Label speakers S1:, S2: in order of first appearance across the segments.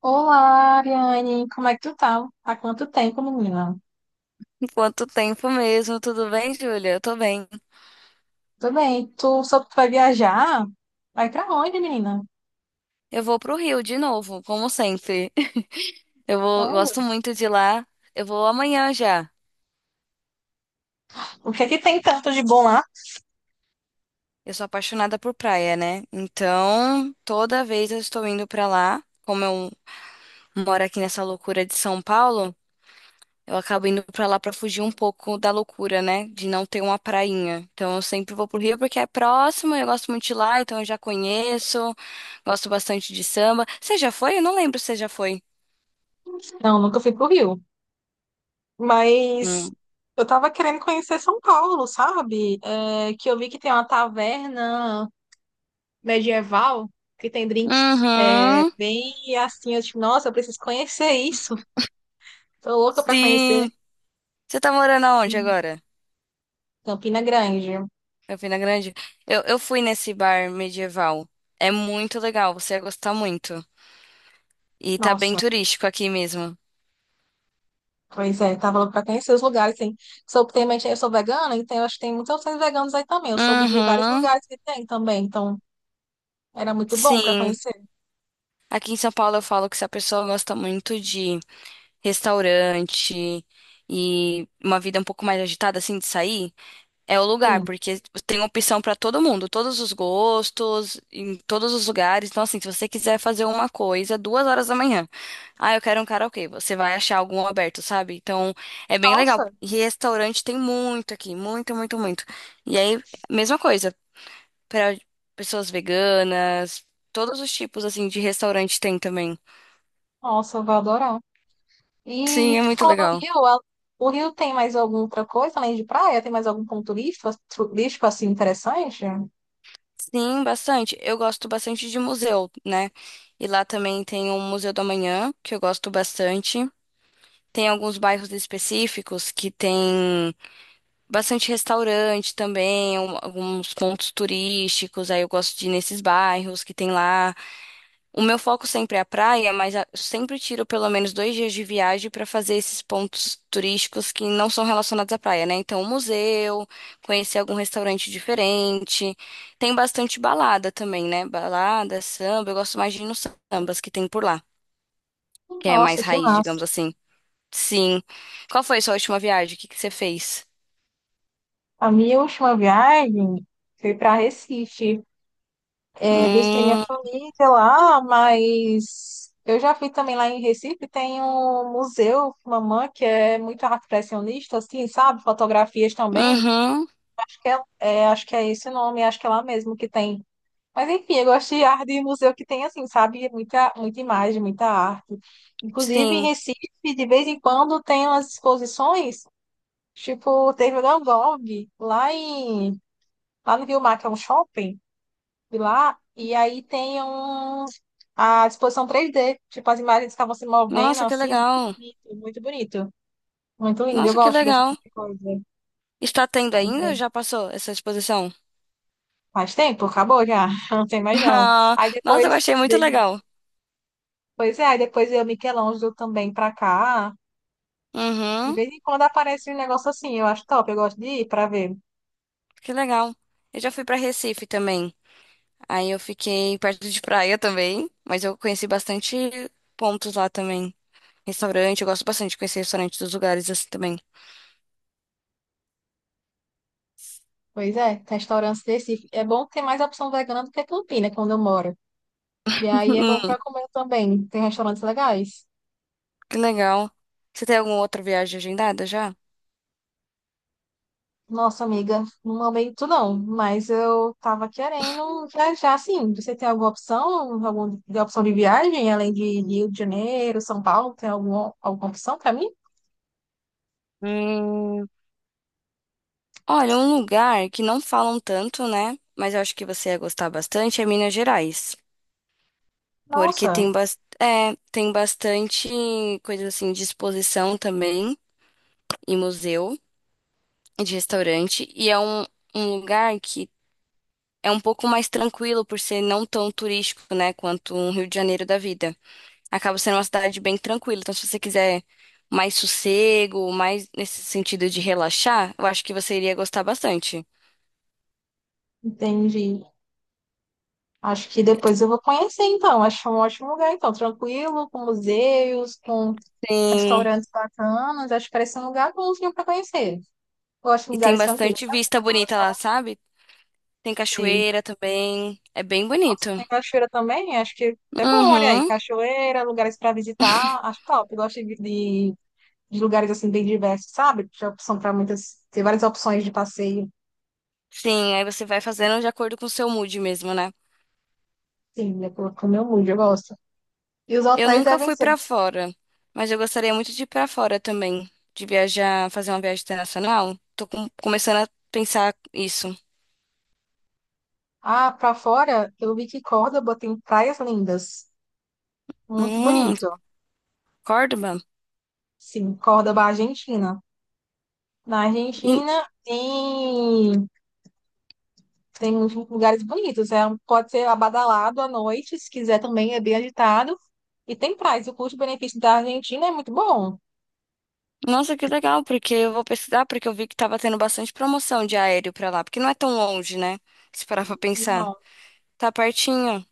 S1: Olá, Ariane, como é que tu tá? Há quanto tempo, menina?
S2: Quanto tempo mesmo? Tudo bem, Júlia? Eu tô bem.
S1: Tudo bem, tu soube que vai viajar? Vai pra onde, menina?
S2: Eu vou pro Rio de novo, como sempre. Eu vou, gosto
S1: Sério?
S2: muito de lá. Eu vou amanhã já.
S1: O que é que tem tanto de bom lá?
S2: Eu sou apaixonada por praia, né? Então, toda vez eu estou indo pra lá. Como eu moro aqui nessa loucura de São Paulo, eu acabo indo pra lá pra fugir um pouco da loucura, né? De não ter uma prainha. Então, eu sempre vou pro Rio porque é próximo, eu gosto muito de lá, então eu já conheço. Gosto bastante de samba. Você já foi? Eu não lembro se você já foi.
S1: Não, nunca fui pro Rio, mas
S2: Hum.
S1: eu tava querendo conhecer São Paulo, sabe? Que eu vi que tem uma taverna medieval, que tem drinks
S2: Uhum.
S1: bem assim, eu tipo, nossa, eu preciso conhecer isso, tô louca pra conhecer
S2: Sim. Você tá morando aonde agora?
S1: Campina Grande.
S2: Campina Grande? Eu fui nesse bar medieval. É muito legal, você ia gostar muito. E tá bem
S1: Nossa.
S2: turístico aqui mesmo.
S1: Pois é, tá falando pra conhecer os lugares, tem. Soube, tem, mas eu sou vegana, então eu acho que tem muitas opções veganas aí também. Eu soube de vários
S2: Uhum.
S1: lugares que tem também, então era muito bom pra
S2: Sim.
S1: conhecer.
S2: Aqui em São Paulo eu falo que se a pessoa gosta muito de restaurante e uma vida um pouco mais agitada, assim, de sair. É o lugar,
S1: Sim.
S2: porque tem opção pra todo mundo, todos os gostos, em todos os lugares. Então, assim, se você quiser fazer uma coisa, duas horas da manhã, ah, eu quero um karaokê, você vai achar algum aberto, sabe? Então, é bem legal.
S1: Nossa,
S2: E restaurante tem muito aqui, muito, muito, muito. E aí, mesma coisa, pra pessoas veganas, todos os tipos, assim, de restaurante tem também.
S1: Nossa, eu vou adorar. E
S2: Sim, é
S1: tu
S2: muito
S1: falou do
S2: legal.
S1: Rio, o Rio tem mais alguma outra coisa além de praia? Tem mais algum ponto turístico, turístico assim interessante?
S2: Sim, bastante. Eu gosto bastante de museu, né? E lá também tem o Museu do Amanhã, que eu gosto bastante. Tem alguns bairros específicos que tem bastante restaurante também, alguns pontos turísticos. Aí eu gosto de ir nesses bairros que tem lá. O meu foco sempre é a praia, mas sempre tiro pelo menos dois dias de viagem para fazer esses pontos turísticos que não são relacionados à praia, né? Então, um museu, conhecer algum restaurante diferente. Tem bastante balada também, né? Balada, samba. Eu gosto mais de ir nos sambas que tem por lá, que é
S1: Nossa,
S2: mais
S1: que
S2: raiz,
S1: massa.
S2: digamos assim. Sim. Qual foi a sua última viagem? O que que você fez?
S1: A minha última viagem foi para Recife. Revista tem minha
S2: Hum,
S1: família lá, mas eu já fui também lá em Recife, tem um museu, mamã que é muito arte impressionista, assim, sabe? Fotografias também.
S2: uhum,
S1: Acho que acho que é esse o nome, acho que é lá mesmo que tem. Mas enfim, eu gosto de arte de museu que tem, assim, sabe? Muita imagem, muita arte. Inclusive em
S2: sim.
S1: Recife, de vez em quando, tem umas exposições, tipo, teve o Van Gogh, lá em, lá no Rio Mar, que é um shopping lá, e aí tem um, a disposição 3D, tipo, as imagens estavam se movendo,
S2: Nossa, que
S1: assim,
S2: legal.
S1: muito bonito. Muito lindo, eu
S2: Nossa, que
S1: gosto desse
S2: legal.
S1: tipo de coisa.
S2: Está tendo
S1: Aí,
S2: ainda ou
S1: é,
S2: já passou essa exposição?
S1: Faz tempo, acabou já, não tem mais não.
S2: Ah,
S1: Aí
S2: nossa, eu
S1: depois,
S2: achei muito
S1: de-
S2: legal.
S1: Pois é, aí depois eu Michelangelo também pra cá. De
S2: Uhum,
S1: vez em quando aparece um negócio assim, eu acho top, eu gosto de ir pra ver.
S2: que legal. Eu já fui pra Recife também. Aí eu fiquei perto de praia também, mas eu conheci bastante pontos lá também. Restaurante, eu gosto bastante de conhecer restaurante dos lugares assim também.
S1: Pois é, restaurantes desse. É bom ter mais opção vegana do que Campina, quando eu moro. E aí é bom
S2: Hum,
S1: pra comer também, tem restaurantes legais.
S2: que legal. Você tem alguma outra viagem agendada já?
S1: Nossa, amiga, no momento não, mas eu tava querendo viajar, assim, você tem alguma opção, alguma de opção de viagem, além de Rio de Janeiro, São Paulo, tem alguma opção para mim?
S2: Hum, Olha, um lugar que não falam tanto, né? Mas eu acho que você ia gostar bastante é Minas Gerais. Porque
S1: Nossa,
S2: tem bastante coisa assim de exposição também. E museu e de restaurante. E é um lugar que é um pouco mais tranquilo por ser não tão turístico, né, quanto um Rio de Janeiro da vida. Acaba sendo uma cidade bem tranquila. Então, se você quiser mais sossego, mais nesse sentido de relaxar, eu acho que você iria gostar bastante.
S1: entendi. Acho que depois eu vou conhecer, então, acho um ótimo lugar, então, tranquilo, com museus, com
S2: Tem,
S1: restaurantes bacanas, acho que parece um lugar bonzinho para conhecer. Eu gosto de
S2: e tem
S1: lugares tranquilos,
S2: bastante
S1: sabe?
S2: vista bonita lá, sabe? Tem
S1: Sei.
S2: cachoeira também. É bem
S1: Nossa,
S2: bonito.
S1: tem cachoeira também? Acho que é bom, olha aí.
S2: Uhum.
S1: Cachoeira, lugares para visitar, acho top. Eu gosto de lugares assim bem diversos, sabe? Tem opção para muitas, tem várias opções de passeio.
S2: Sim, aí você vai fazendo de acordo com o seu mood mesmo, né?
S1: Sim, é pro meu mood, eu gosto. E os
S2: Eu
S1: hotéis
S2: nunca
S1: devem
S2: fui
S1: ser.
S2: pra fora, mas eu gostaria muito de ir pra fora também, de viajar, fazer uma viagem internacional. Tô começando a pensar isso.
S1: Ah, para fora, eu vi que Córdoba tem praias lindas. Muito
S2: Hum,
S1: bonito.
S2: Córdoba.
S1: Sim, Córdoba, Argentina. Na
S2: Hum,
S1: Argentina tem. Tem uns lugares bonitos. Pode ser abadalado à noite, se quiser também, é bem agitado. E tem praias. O custo-benefício da Argentina é muito bom.
S2: Nossa, que legal, porque eu vou pesquisar, porque eu vi que tava tendo bastante promoção de aéreo pra lá, porque não é tão longe, né? Se parar pra pensar.
S1: Não,
S2: Tá pertinho.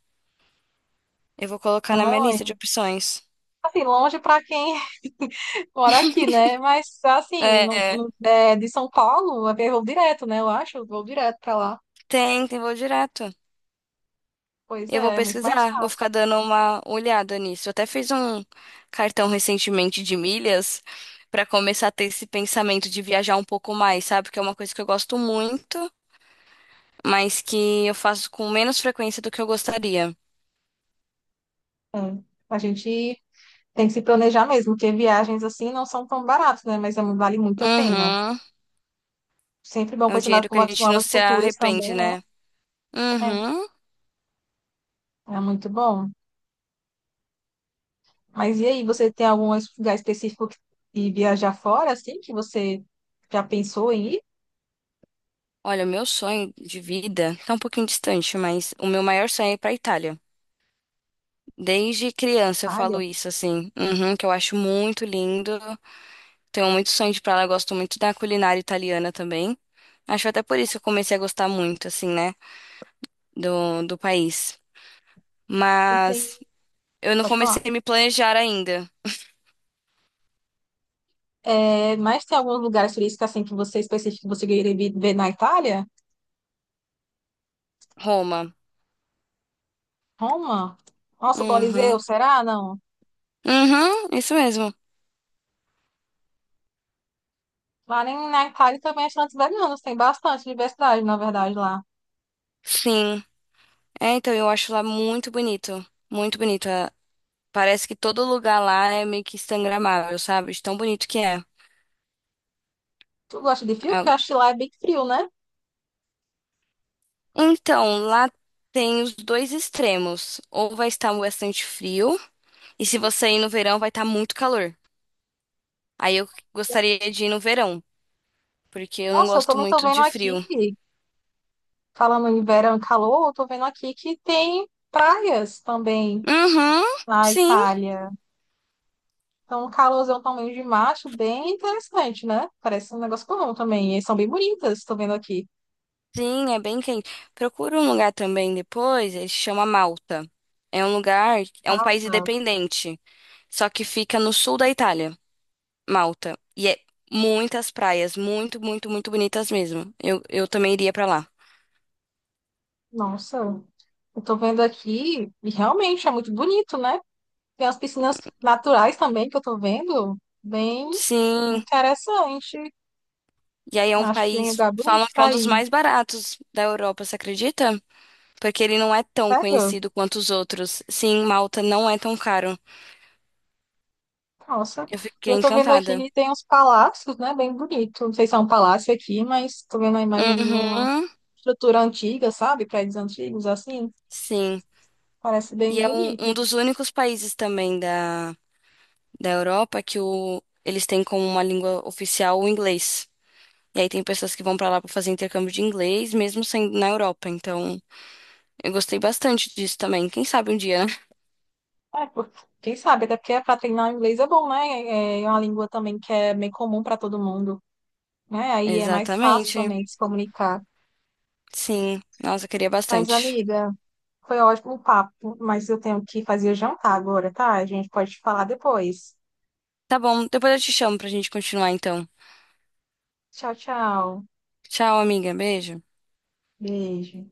S2: Eu vou colocar na
S1: não é
S2: minha
S1: longe.
S2: lista de opções.
S1: Assim, longe para quem mora aqui, né? Mas, assim,
S2: É,
S1: de São Paulo, é voo direto, né? Eu acho, voo direto para lá.
S2: tem, tem voo direto.
S1: Pois
S2: Eu vou
S1: é, é muito mais
S2: pesquisar, vou
S1: fácil.
S2: ficar dando uma olhada nisso. Eu até fiz um cartão recentemente de milhas pra começar a ter esse pensamento de viajar um pouco mais, sabe? Que é uma coisa que eu gosto muito, mas que eu faço com menos frequência do que eu gostaria.
S1: Né? A gente tem que se planejar mesmo, porque viagens assim não são tão baratas, né? Mas vale muito a pena.
S2: Uhum.
S1: Sempre bom
S2: É um
S1: conhecer
S2: dinheiro que a
S1: novas
S2: gente não
S1: novas
S2: se
S1: culturas
S2: arrepende,
S1: também, né?
S2: né?
S1: É,
S2: Uhum.
S1: é muito bom. Mas e aí, você tem algum lugar específico de viajar fora, assim, que você já pensou em ir?
S2: Olha, o meu sonho de vida tá um pouquinho distante, mas o meu maior sonho é ir pra Itália. Desde criança eu
S1: Itália?
S2: falo isso, assim, que eu acho muito lindo. Tenho muito sonho de ir pra lá, gosto muito da culinária italiana também. Acho até por isso que eu comecei a gostar muito, assim, né, do país.
S1: Não tem,
S2: Mas eu não
S1: pode falar.
S2: comecei a me planejar ainda.
S1: É, mas tem alguns lugares turísticos, assim, que você específico que você queria ver na Itália?
S2: Roma.
S1: Roma? Nossa, o Coliseu,
S2: Uhum.
S1: será? Não.
S2: Uhum, isso mesmo.
S1: Lá nem na Itália também é tantos italianos, tem bastante diversidade, na verdade, lá.
S2: Sim. É, então eu acho lá muito bonito. Muito bonito. É, parece que todo lugar lá é meio que instagramável, sabe? De tão bonito que é.
S1: Tu gosta de frio?
S2: É,
S1: Porque eu acho que lá é bem frio, né?
S2: então, lá tem os dois extremos. Ou vai estar bastante frio, e se você ir no verão, vai estar muito calor. Aí eu gostaria de ir no verão, porque eu não
S1: Nossa, eu
S2: gosto
S1: também tô
S2: muito
S1: vendo
S2: de
S1: aqui,
S2: frio.
S1: falando em verão e calor, eu tô vendo aqui que tem praias também
S2: Uhum,
S1: na
S2: sim,
S1: Itália. Então, um calorzão também de macho, bem interessante, né? Parece um negócio comum também. E são bem bonitas, estou vendo aqui.
S2: sim, é bem quente. Procura um lugar também depois, ele se chama Malta. É um lugar, é um país
S1: Tá.
S2: independente, só que fica no sul da Itália, Malta. E é muitas praias, muito, muito, muito bonitas mesmo. Eu também iria pra lá.
S1: Nossa, eu tô vendo aqui e realmente é muito bonito, né? Tem as piscinas naturais também que eu tô vendo, bem
S2: Sim,
S1: interessante.
S2: e aí é um
S1: Acho que tem um
S2: país,
S1: lugar bonito
S2: falam que é um
S1: pra
S2: dos
S1: ir.
S2: mais baratos da Europa, você acredita? Porque ele não é tão
S1: Sério?
S2: conhecido quanto os outros. Sim, Malta não é tão caro.
S1: Nossa.
S2: Eu
S1: E
S2: fiquei
S1: eu tô vendo aqui
S2: encantada.
S1: que tem uns palácios, né? Bem bonito. Não sei se é um palácio aqui, mas tô vendo a imagem de uma
S2: Uhum,
S1: estrutura antiga, sabe? Prédios antigos, assim.
S2: sim.
S1: Parece
S2: E
S1: bem
S2: é um,
S1: bonito.
S2: um dos únicos países também da Europa que eles têm como uma língua oficial o inglês. E aí tem pessoas que vão pra lá pra fazer intercâmbio de inglês, mesmo sendo na Europa. Então, eu gostei bastante disso também. Quem sabe um dia, né?
S1: É, por- Quem sabe, até porque para treinar o inglês é bom, né? É é uma língua também que é bem comum para todo mundo, né? Aí é mais fácil
S2: Exatamente.
S1: também de se comunicar.
S2: Sim. Nossa, eu queria
S1: Mas,
S2: bastante.
S1: amiga, foi ótimo o papo, mas eu tenho que fazer jantar agora, tá? A gente pode falar depois.
S2: Tá bom, depois eu te chamo pra gente continuar então.
S1: Tchau, tchau.
S2: Tchau, amiga. Beijo.
S1: Beijo.